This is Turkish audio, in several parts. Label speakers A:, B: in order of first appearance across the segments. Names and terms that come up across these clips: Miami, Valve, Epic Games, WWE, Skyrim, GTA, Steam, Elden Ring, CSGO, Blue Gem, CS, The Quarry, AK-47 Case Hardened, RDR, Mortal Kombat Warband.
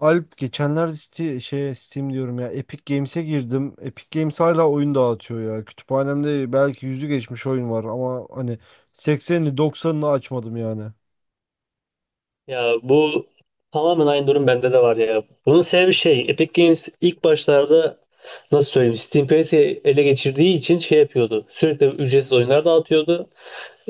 A: Alp, geçenlerde Steam, şey, Steam diyorum ya, Epic Games'e girdim. Epic Games hala oyun dağıtıyor ya. Kütüphanemde belki yüzü geçmiş oyun var ama hani 80'ini 90'ını açmadım yani.
B: Ya bu tamamen aynı durum bende de var ya. Bunun sebebi şey, Epic Games ilk başlarda nasıl söyleyeyim Steam piyasayı ele geçirdiği için şey yapıyordu. Sürekli ücretsiz oyunlar dağıtıyordu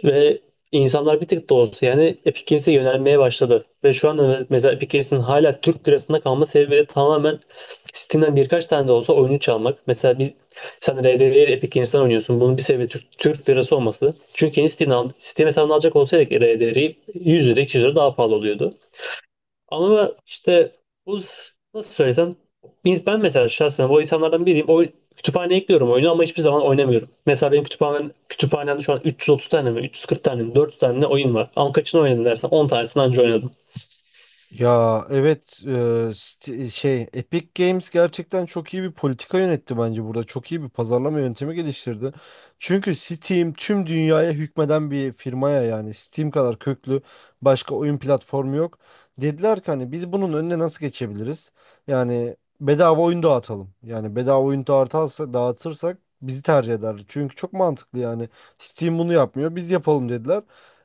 B: ve insanlar bir tık da olsa yani Epic Games'e yönelmeye başladı. Ve şu anda mesela Epic Games'in hala Türk lirasında kalma sebebi de tamamen Steam'den birkaç tane de olsa oyunu çalmak. Mesela biz sen RDR'yi Epic Games'ten oynuyorsun. Bunun bir sebebi Türk lirası olması. Çünkü yeni Steam hesabını alacak olsaydık RDR'yi 100 lira 200 lira daha pahalı oluyordu. Ama işte nasıl söylesem ben mesela şahsen o insanlardan biriyim. O kütüphaneye ekliyorum oyunu ama hiçbir zaman oynamıyorum. Mesela benim kütüphanemde şu an 330 tane mi 340 tane mi 400 tane mi ne oyun var. Ama kaçını oynadım dersen 10 tanesini anca oynadım.
A: Ya, evet, şey, Epic Games gerçekten çok iyi bir politika yönetti bence burada. Çok iyi bir pazarlama yöntemi geliştirdi. Çünkü Steam tüm dünyaya hükmeden bir firmaya, yani Steam kadar köklü başka oyun platformu yok. Dediler ki hani biz bunun önüne nasıl geçebiliriz? Yani bedava oyun dağıtalım. Yani bedava oyun dağıtırsak bizi tercih eder. Çünkü çok mantıklı yani. Steam bunu yapmıyor. Biz yapalım dediler.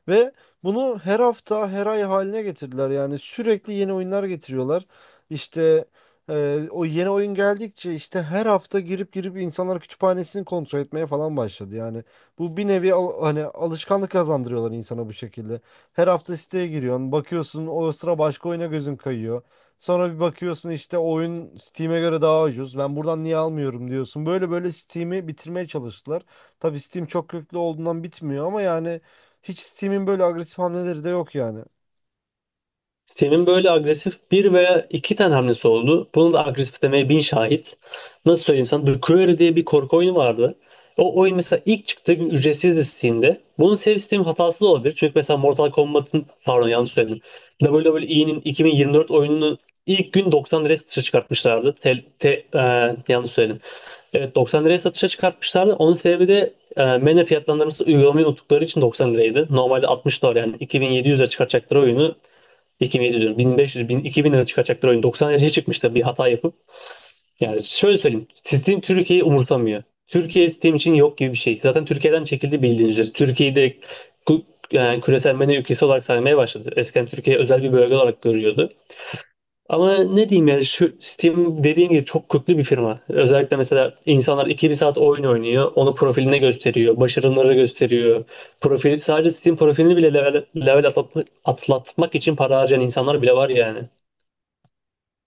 A: Ve bunu her hafta, her ay haline getirdiler. Yani sürekli yeni oyunlar getiriyorlar. İşte o yeni oyun geldikçe, işte her hafta girip girip insanlar kütüphanesini kontrol etmeye falan başladı. Yani bu bir nevi hani alışkanlık kazandırıyorlar insana bu şekilde. Her hafta siteye giriyorsun, bakıyorsun o sıra başka oyuna gözün kayıyor. Sonra bir bakıyorsun işte oyun Steam'e göre daha ucuz. Ben buradan niye almıyorum diyorsun. Böyle böyle Steam'i bitirmeye çalıştılar. Tabii Steam çok köklü olduğundan bitmiyor ama yani hiç Steam'in böyle agresif hamleleri de yok yani.
B: Senin böyle agresif bir veya iki tane hamlesi oldu. Bunu da agresif demeye bin şahit. Nasıl söyleyeyim sana? The Quarry diye bir korku oyunu vardı. O oyun mesela ilk çıktığı gün ücretsizdi Steam'de. Bunun save sistemi hatası da olabilir. Çünkü mesela Mortal Kombat'ın pardon yanlış söyledim. WWE'nin 2024 oyununu ilk gün 90 liraya satışa çıkartmışlardı. E, yanlış söyledim. Evet 90 liraya satışa çıkartmışlardı. Onun sebebi de menü fiyatlandırması uygulamayı unuttukları için 90 liraydı. Normalde 60 dolar yani 2700'e çıkartacakları oyunu 2007 diyorum. 1500, 1000, 2000 lira çıkacaklar oyun. 90 liraya çıkmıştı bir hata yapıp. Yani şöyle söyleyeyim. Steam Türkiye'yi umursamıyor. Türkiye Steam için yok gibi bir şey. Zaten Türkiye'den çekildi bildiğiniz üzere. Türkiye'yi direkt yani küresel medya ülkesi olarak saymaya başladı. Eskiden Türkiye özel bir bölge olarak görüyordu. Ama ne diyeyim yani şu Steam dediğin gibi çok köklü bir firma. Özellikle mesela insanlar iki bir saat oyun oynuyor. Onu profiline gösteriyor. Başarımları gösteriyor. Profil, sadece Steam profilini bile level atlatmak için para harcayan insanlar bile var yani.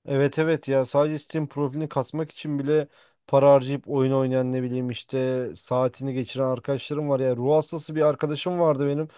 A: Evet, evet, ya sadece Steam profilini kasmak için bile para harcayıp oyun oynayan, ne bileyim işte, saatini geçiren arkadaşlarım var ya. Ruh hastası bir arkadaşım vardı benim.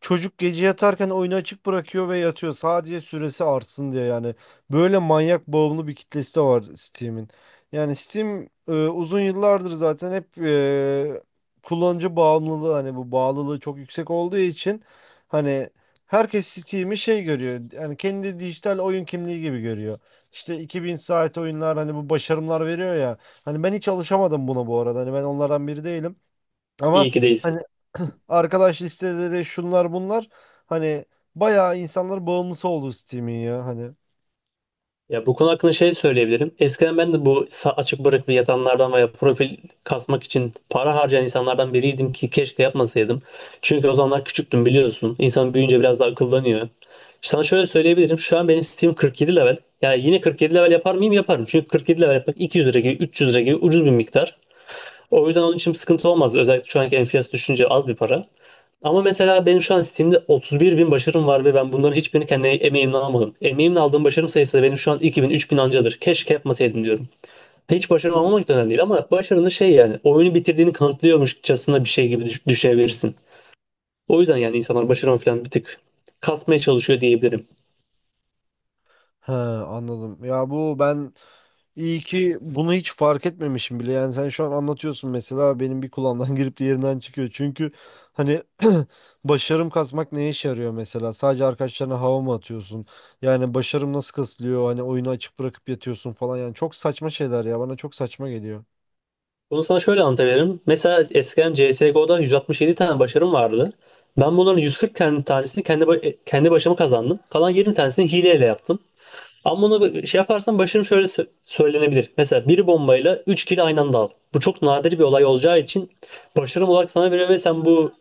A: Çocuk gece yatarken oyunu açık bırakıyor ve yatıyor. Sadece süresi artsın diye yani. Böyle manyak bağımlı bir kitlesi de var Steam'in. Yani Steam, uzun yıllardır zaten hep, kullanıcı bağımlılığı hani bu bağlılığı çok yüksek olduğu için hani herkes Steam'i şey görüyor. Yani kendi dijital oyun kimliği gibi görüyor. İşte 2000 saat oyunlar hani bu başarımlar veriyor ya. Hani ben hiç alışamadım buna bu arada. Hani ben onlardan biri değilim. Ama
B: İyi ki değil.
A: hani arkadaş listeleri, şunlar bunlar, hani bayağı insanlar bağımlısı oldu Steam'in ya hani.
B: Ya bu konu hakkında şey söyleyebilirim. Eskiden ben de bu açık bırakıp yatanlardan veya profil kasmak için para harcayan insanlardan biriydim ki keşke yapmasaydım. Çünkü o zamanlar küçüktüm biliyorsun. İnsan büyüyünce biraz daha akıllanıyor. Sana şöyle söyleyebilirim. Şu an benim Steam 47 level. Yani yine 47 level yapar mıyım? Yaparım. Çünkü 47 level yapmak 200 lira gibi, 300 lira gibi ucuz bir miktar. O yüzden onun için bir sıkıntı olmaz. Özellikle şu anki enflasyon düşünce az bir para. Ama mesela benim şu an Steam'de 31 bin başarım var ve ben bunların hiçbirini kendi emeğimle almadım. Emeğimle aldığım başarım sayısı da benim şu an 2000 bin ancadır. Keşke yapmasaydım diyorum. Hiç başarım
A: Bun...
B: almamak da önemli değil ama başarını şey yani oyunu bitirdiğini kanıtlıyormuşçasına bir şey gibi düşünebilirsin. O yüzden yani insanlar başarımı falan bir tık kasmaya çalışıyor diyebilirim.
A: He, anladım. Ya, bu ben, iyi ki bunu hiç fark etmemişim bile. Yani sen şu an anlatıyorsun mesela, benim bir kulağımdan girip diğerinden çıkıyor. Çünkü hani başarım kasmak neye işe yarıyor mesela? Sadece arkadaşlarına hava mı atıyorsun? Yani başarım nasıl kasılıyor? Hani oyunu açık bırakıp yatıyorsun falan. Yani çok saçma şeyler ya. Bana çok saçma geliyor.
B: Bunu sana şöyle anlatabilirim. Mesela eskiden CSGO'da 167 tane başarım vardı. Ben bunların 140 tane tanesini kendi kendi başıma kazandım. Kalan 20 tanesini hileyle yaptım. Ama bunu şey yaparsan başarım şöyle söylenebilir. Mesela bir bombayla 3 kill aynı anda al. Bu çok nadir bir olay olacağı için başarım olarak sana veriyor ve sen bu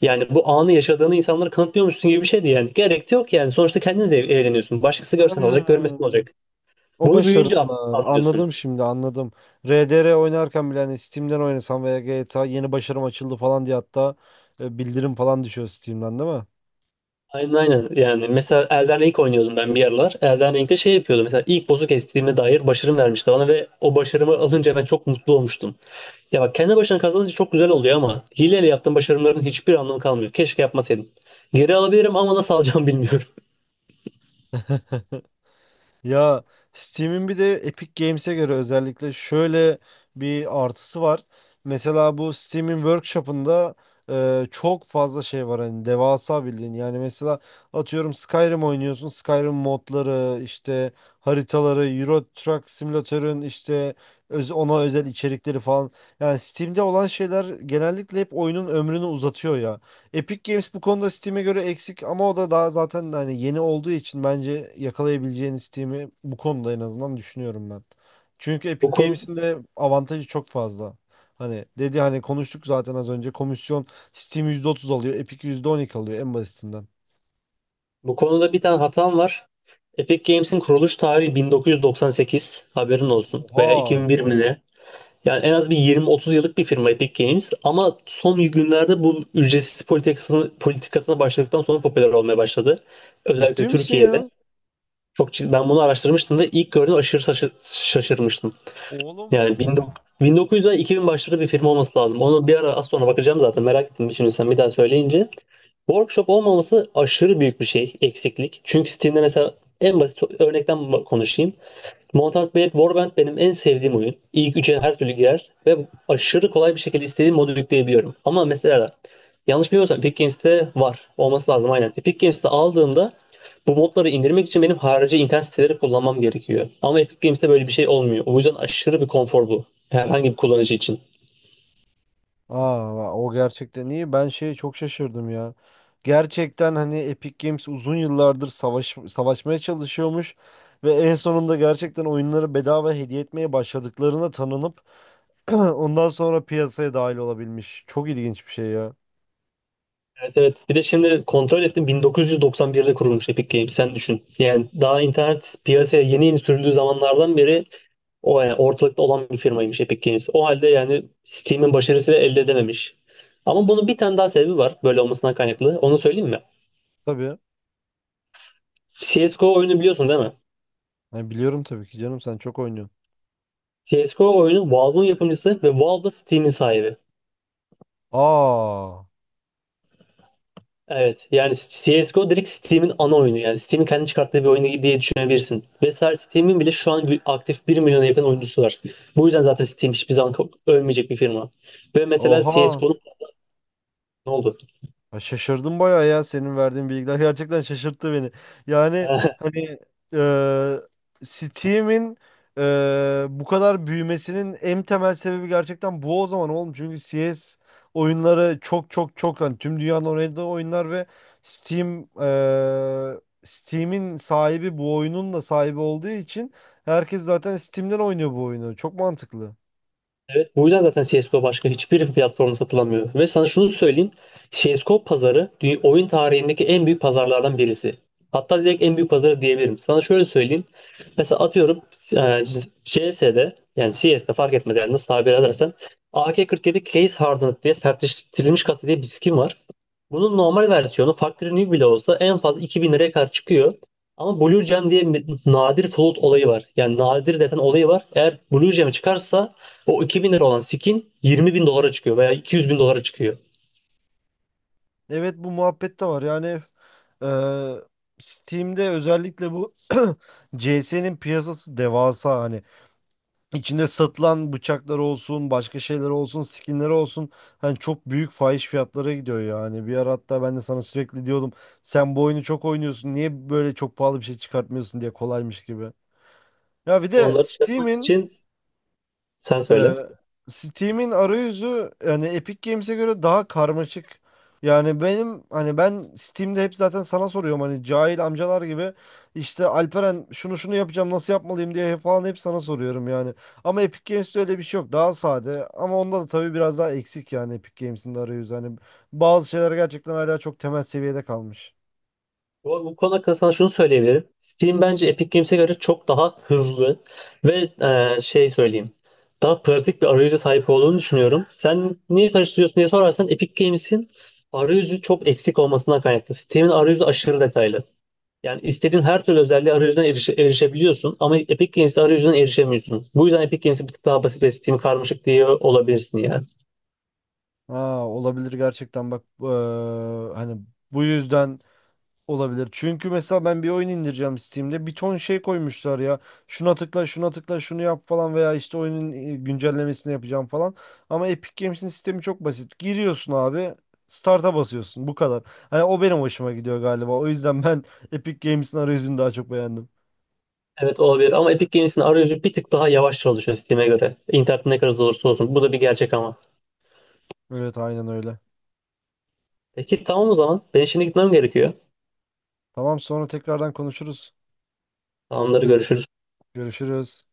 B: yani bu anı yaşadığını insanlara kanıtlıyormuşsun gibi bir şeydi yani. Gerek de yok yani. Sonuçta kendiniz eğleniyorsun. Başkası
A: Ha.
B: görsen olacak, görmesin olacak.
A: O
B: Bunu büyüyünce
A: başarımlar.
B: anlıyorsun.
A: Anladım, şimdi anladım. RDR oynarken bile hani Steam'den oynasam veya GTA yeni başarım açıldı falan diye, hatta bildirim falan düşüyor Steam'den, değil mi?
B: Aynen aynen. Yani mesela Elden Ring oynuyordum ben bir aralar. Elden Ring'de şey yapıyordum. Mesela ilk boss'u kestiğime dair başarım vermişti bana ve o başarımı alınca ben çok mutlu olmuştum. Ya bak kendi başına kazanınca çok güzel oluyor ama hileyle yaptığım başarımların hiçbir anlamı kalmıyor. Keşke yapmasaydım. Geri alabilirim ama nasıl alacağım bilmiyorum.
A: Ya, Steam'in bir de Epic Games'e göre özellikle şöyle bir artısı var. Mesela bu Steam'in workshop'ında çok fazla şey var, hani devasa bildiğin. Yani mesela atıyorum Skyrim oynuyorsun. Skyrim modları, işte haritaları, Euro Truck Simulator'ın işte ona özel içerikleri falan. Yani Steam'de olan şeyler genellikle hep oyunun ömrünü uzatıyor ya. Epic Games bu konuda Steam'e göre eksik ama o da daha zaten hani yeni olduğu için bence yakalayabileceğini Steam'i bu konuda, en azından, düşünüyorum ben. Çünkü
B: Bu
A: Epic
B: konu,
A: Games'in de avantajı çok fazla. Hani dedi hani konuştuk zaten az önce komisyon, Steam %30 alıyor, Epic %12 alıyor en basitinden.
B: bu konuda bir tane hatam var. Epic Games'in kuruluş tarihi 1998 haberin olsun veya
A: Oha,
B: 2001 mi ne? Yani en az bir 20-30 yıllık bir firma Epic Games ama son günlerde bu ücretsiz politikasına başladıktan sonra popüler olmaya başladı. Özellikle
A: ciddi misin
B: Türkiye'de.
A: ya?
B: Ben bunu araştırmıştım ve ilk gördüğümde aşırı şaşırmıştım.
A: Oğlum.
B: Yani 1900 ve 2000 başları bir firma olması lazım. Onu bir ara az sonra bakacağım zaten merak ettim şimdi sen bir daha söyleyince. Workshop olmaması aşırı büyük bir şey, eksiklik. Çünkü Steam'de mesela en basit örnekten konuşayım. Mortal Kombat Warband benim en sevdiğim oyun. İlk üçe her türlü girer ve aşırı kolay bir şekilde istediğim modu yükleyebiliyorum. Ama mesela yanlış bilmiyorsam Epic Games'te var. Olması lazım aynen. Epic Games'te aldığımda bu modları indirmek için benim harici internet siteleri kullanmam gerekiyor. Ama Epic Games'te böyle bir şey olmuyor. O yüzden aşırı bir konfor bu. Herhangi bir kullanıcı için.
A: Aa, o gerçekten iyi. Ben şeye çok şaşırdım ya. Gerçekten hani Epic Games uzun yıllardır savaşmaya çalışıyormuş ve en sonunda gerçekten oyunları bedava hediye etmeye başladıklarına tanınıp ondan sonra piyasaya dahil olabilmiş. Çok ilginç bir şey ya.
B: Evet evet. Bir de şimdi kontrol ettim 1991'de kurulmuş Epic Games. Sen düşün. Yani daha internet piyasaya yeni yeni sürüldüğü zamanlardan beri o yani ortalıkta olan bir firmaymış Epic Games. O halde yani Steam'in başarısıyla elde edememiş. Ama bunun bir tane daha sebebi var böyle olmasından kaynaklı. Onu söyleyeyim mi?
A: Tabii.
B: CSGO oyunu biliyorsun değil mi?
A: Hani biliyorum tabii ki canım, sen çok oynuyorsun.
B: CSGO oyunu Valve'ın yapımcısı ve Valve da Steam'in sahibi.
A: Aa,
B: Evet yani CSGO direkt Steam'in ana oyunu yani Steam'in kendi çıkarttığı bir oyunu diye düşünebilirsin. Ve sadece Steam'in bile şu an aktif bir milyona yakın oyuncusu var. Bu yüzden zaten Steam hiçbir zaman ölmeyecek bir firma. Ve mesela
A: oha.
B: CSGO'nun ne oldu?
A: Ha, şaşırdım bayağı ya, senin verdiğin bilgiler gerçekten şaşırttı beni. Yani hani, Steam'in, e, bu kadar büyümesinin en temel sebebi gerçekten bu o zaman oğlum. Çünkü CS oyunları çok çok çok hani tüm dünyanın oynadığı oyunlar ve Steam, Steam'in sahibi bu oyunun da sahibi olduğu için herkes zaten Steam'den oynuyor bu oyunu. Çok mantıklı.
B: Evet, bu yüzden zaten CSGO başka hiçbir platformda satılamıyor. Ve sana şunu söyleyeyim. CSGO pazarı oyun tarihindeki en büyük pazarlardan birisi. Hatta direkt en büyük pazarı diyebilirim. Sana şöyle söyleyeyim. Mesela atıyorum e, yani CS'de fark etmez yani nasıl tabir edersen AK-47 Case Hardened diye sertleştirilmiş kasa diye bir skin var. Bunun normal versiyonu Factory New bile olsa en fazla 2000 liraya kadar çıkıyor. Ama Blue Gem diye bir nadir float olayı var. Yani nadir desen olayı var. Eğer Blue Gem çıkarsa o 2000 lira olan skin 20.000 dolara çıkıyor veya 200.000 dolara çıkıyor.
A: Evet, bu muhabbet de var. Yani eee, Steam'de özellikle bu CS'nin piyasası devasa, hani içinde satılan bıçaklar olsun, başka şeyler olsun, skinler olsun. Hani çok büyük fahiş fiyatlara gidiyor yani. Bir ara hatta ben de sana sürekli diyordum, sen bu oyunu çok oynuyorsun, niye böyle çok pahalı bir şey çıkartmıyorsun diye, kolaymış gibi. Ya bir de
B: Onları çıkartmak
A: Steam'in,
B: için sen
A: ee,
B: söyle.
A: Steam'in arayüzü yani Epic Games'e göre daha karmaşık. Yani benim hani ben Steam'de hep zaten sana soruyorum hani cahil amcalar gibi, işte, Alperen şunu şunu yapacağım nasıl yapmalıyım diye falan hep sana soruyorum yani. Ama Epic Games'te öyle bir şey yok. Daha sade ama onda da tabii biraz daha eksik yani Epic Games'in de arayüzü. Hani bazı şeyler gerçekten hala çok temel seviyede kalmış.
B: Bu konu hakkında sana şunu söyleyebilirim. Steam bence Epic Games'e göre çok daha hızlı ve şey söyleyeyim. Daha pratik bir arayüze sahip olduğunu düşünüyorum. Sen niye karıştırıyorsun diye sorarsan Epic Games'in arayüzü çok eksik olmasından kaynaklı. Steam'in arayüzü aşırı detaylı. Yani istediğin her türlü özelliğe arayüzden erişebiliyorsun ama Epic Games'te arayüzden erişemiyorsun. Bu yüzden Epic Games'i bir tık daha basit ve Steam karmaşık diye olabilirsin yani.
A: Ha, olabilir gerçekten, bak, hani bu yüzden, olabilir. Çünkü mesela ben bir oyun indireceğim Steam'de. Bir ton şey koymuşlar ya. Şuna tıkla, şuna tıkla, şunu yap falan, veya işte oyunun güncellemesini yapacağım falan. Ama Epic Games'in sistemi çok basit. Giriyorsun abi, start'a basıyorsun. Bu kadar. Hani o benim hoşuma gidiyor galiba. O yüzden ben Epic Games'in arayüzünü daha çok beğendim.
B: Evet olabilir ama Epic Games'in arayüzü bir tık daha yavaş çalışıyor Steam'e göre. İnternet ne kadar hızlı olursa olsun. Bu da bir gerçek ama.
A: Evet, aynen öyle.
B: Peki tamam o zaman. Ben şimdi gitmem gerekiyor.
A: Tamam, sonra tekrardan konuşuruz.
B: Tamamdır görüşürüz.
A: Görüşürüz.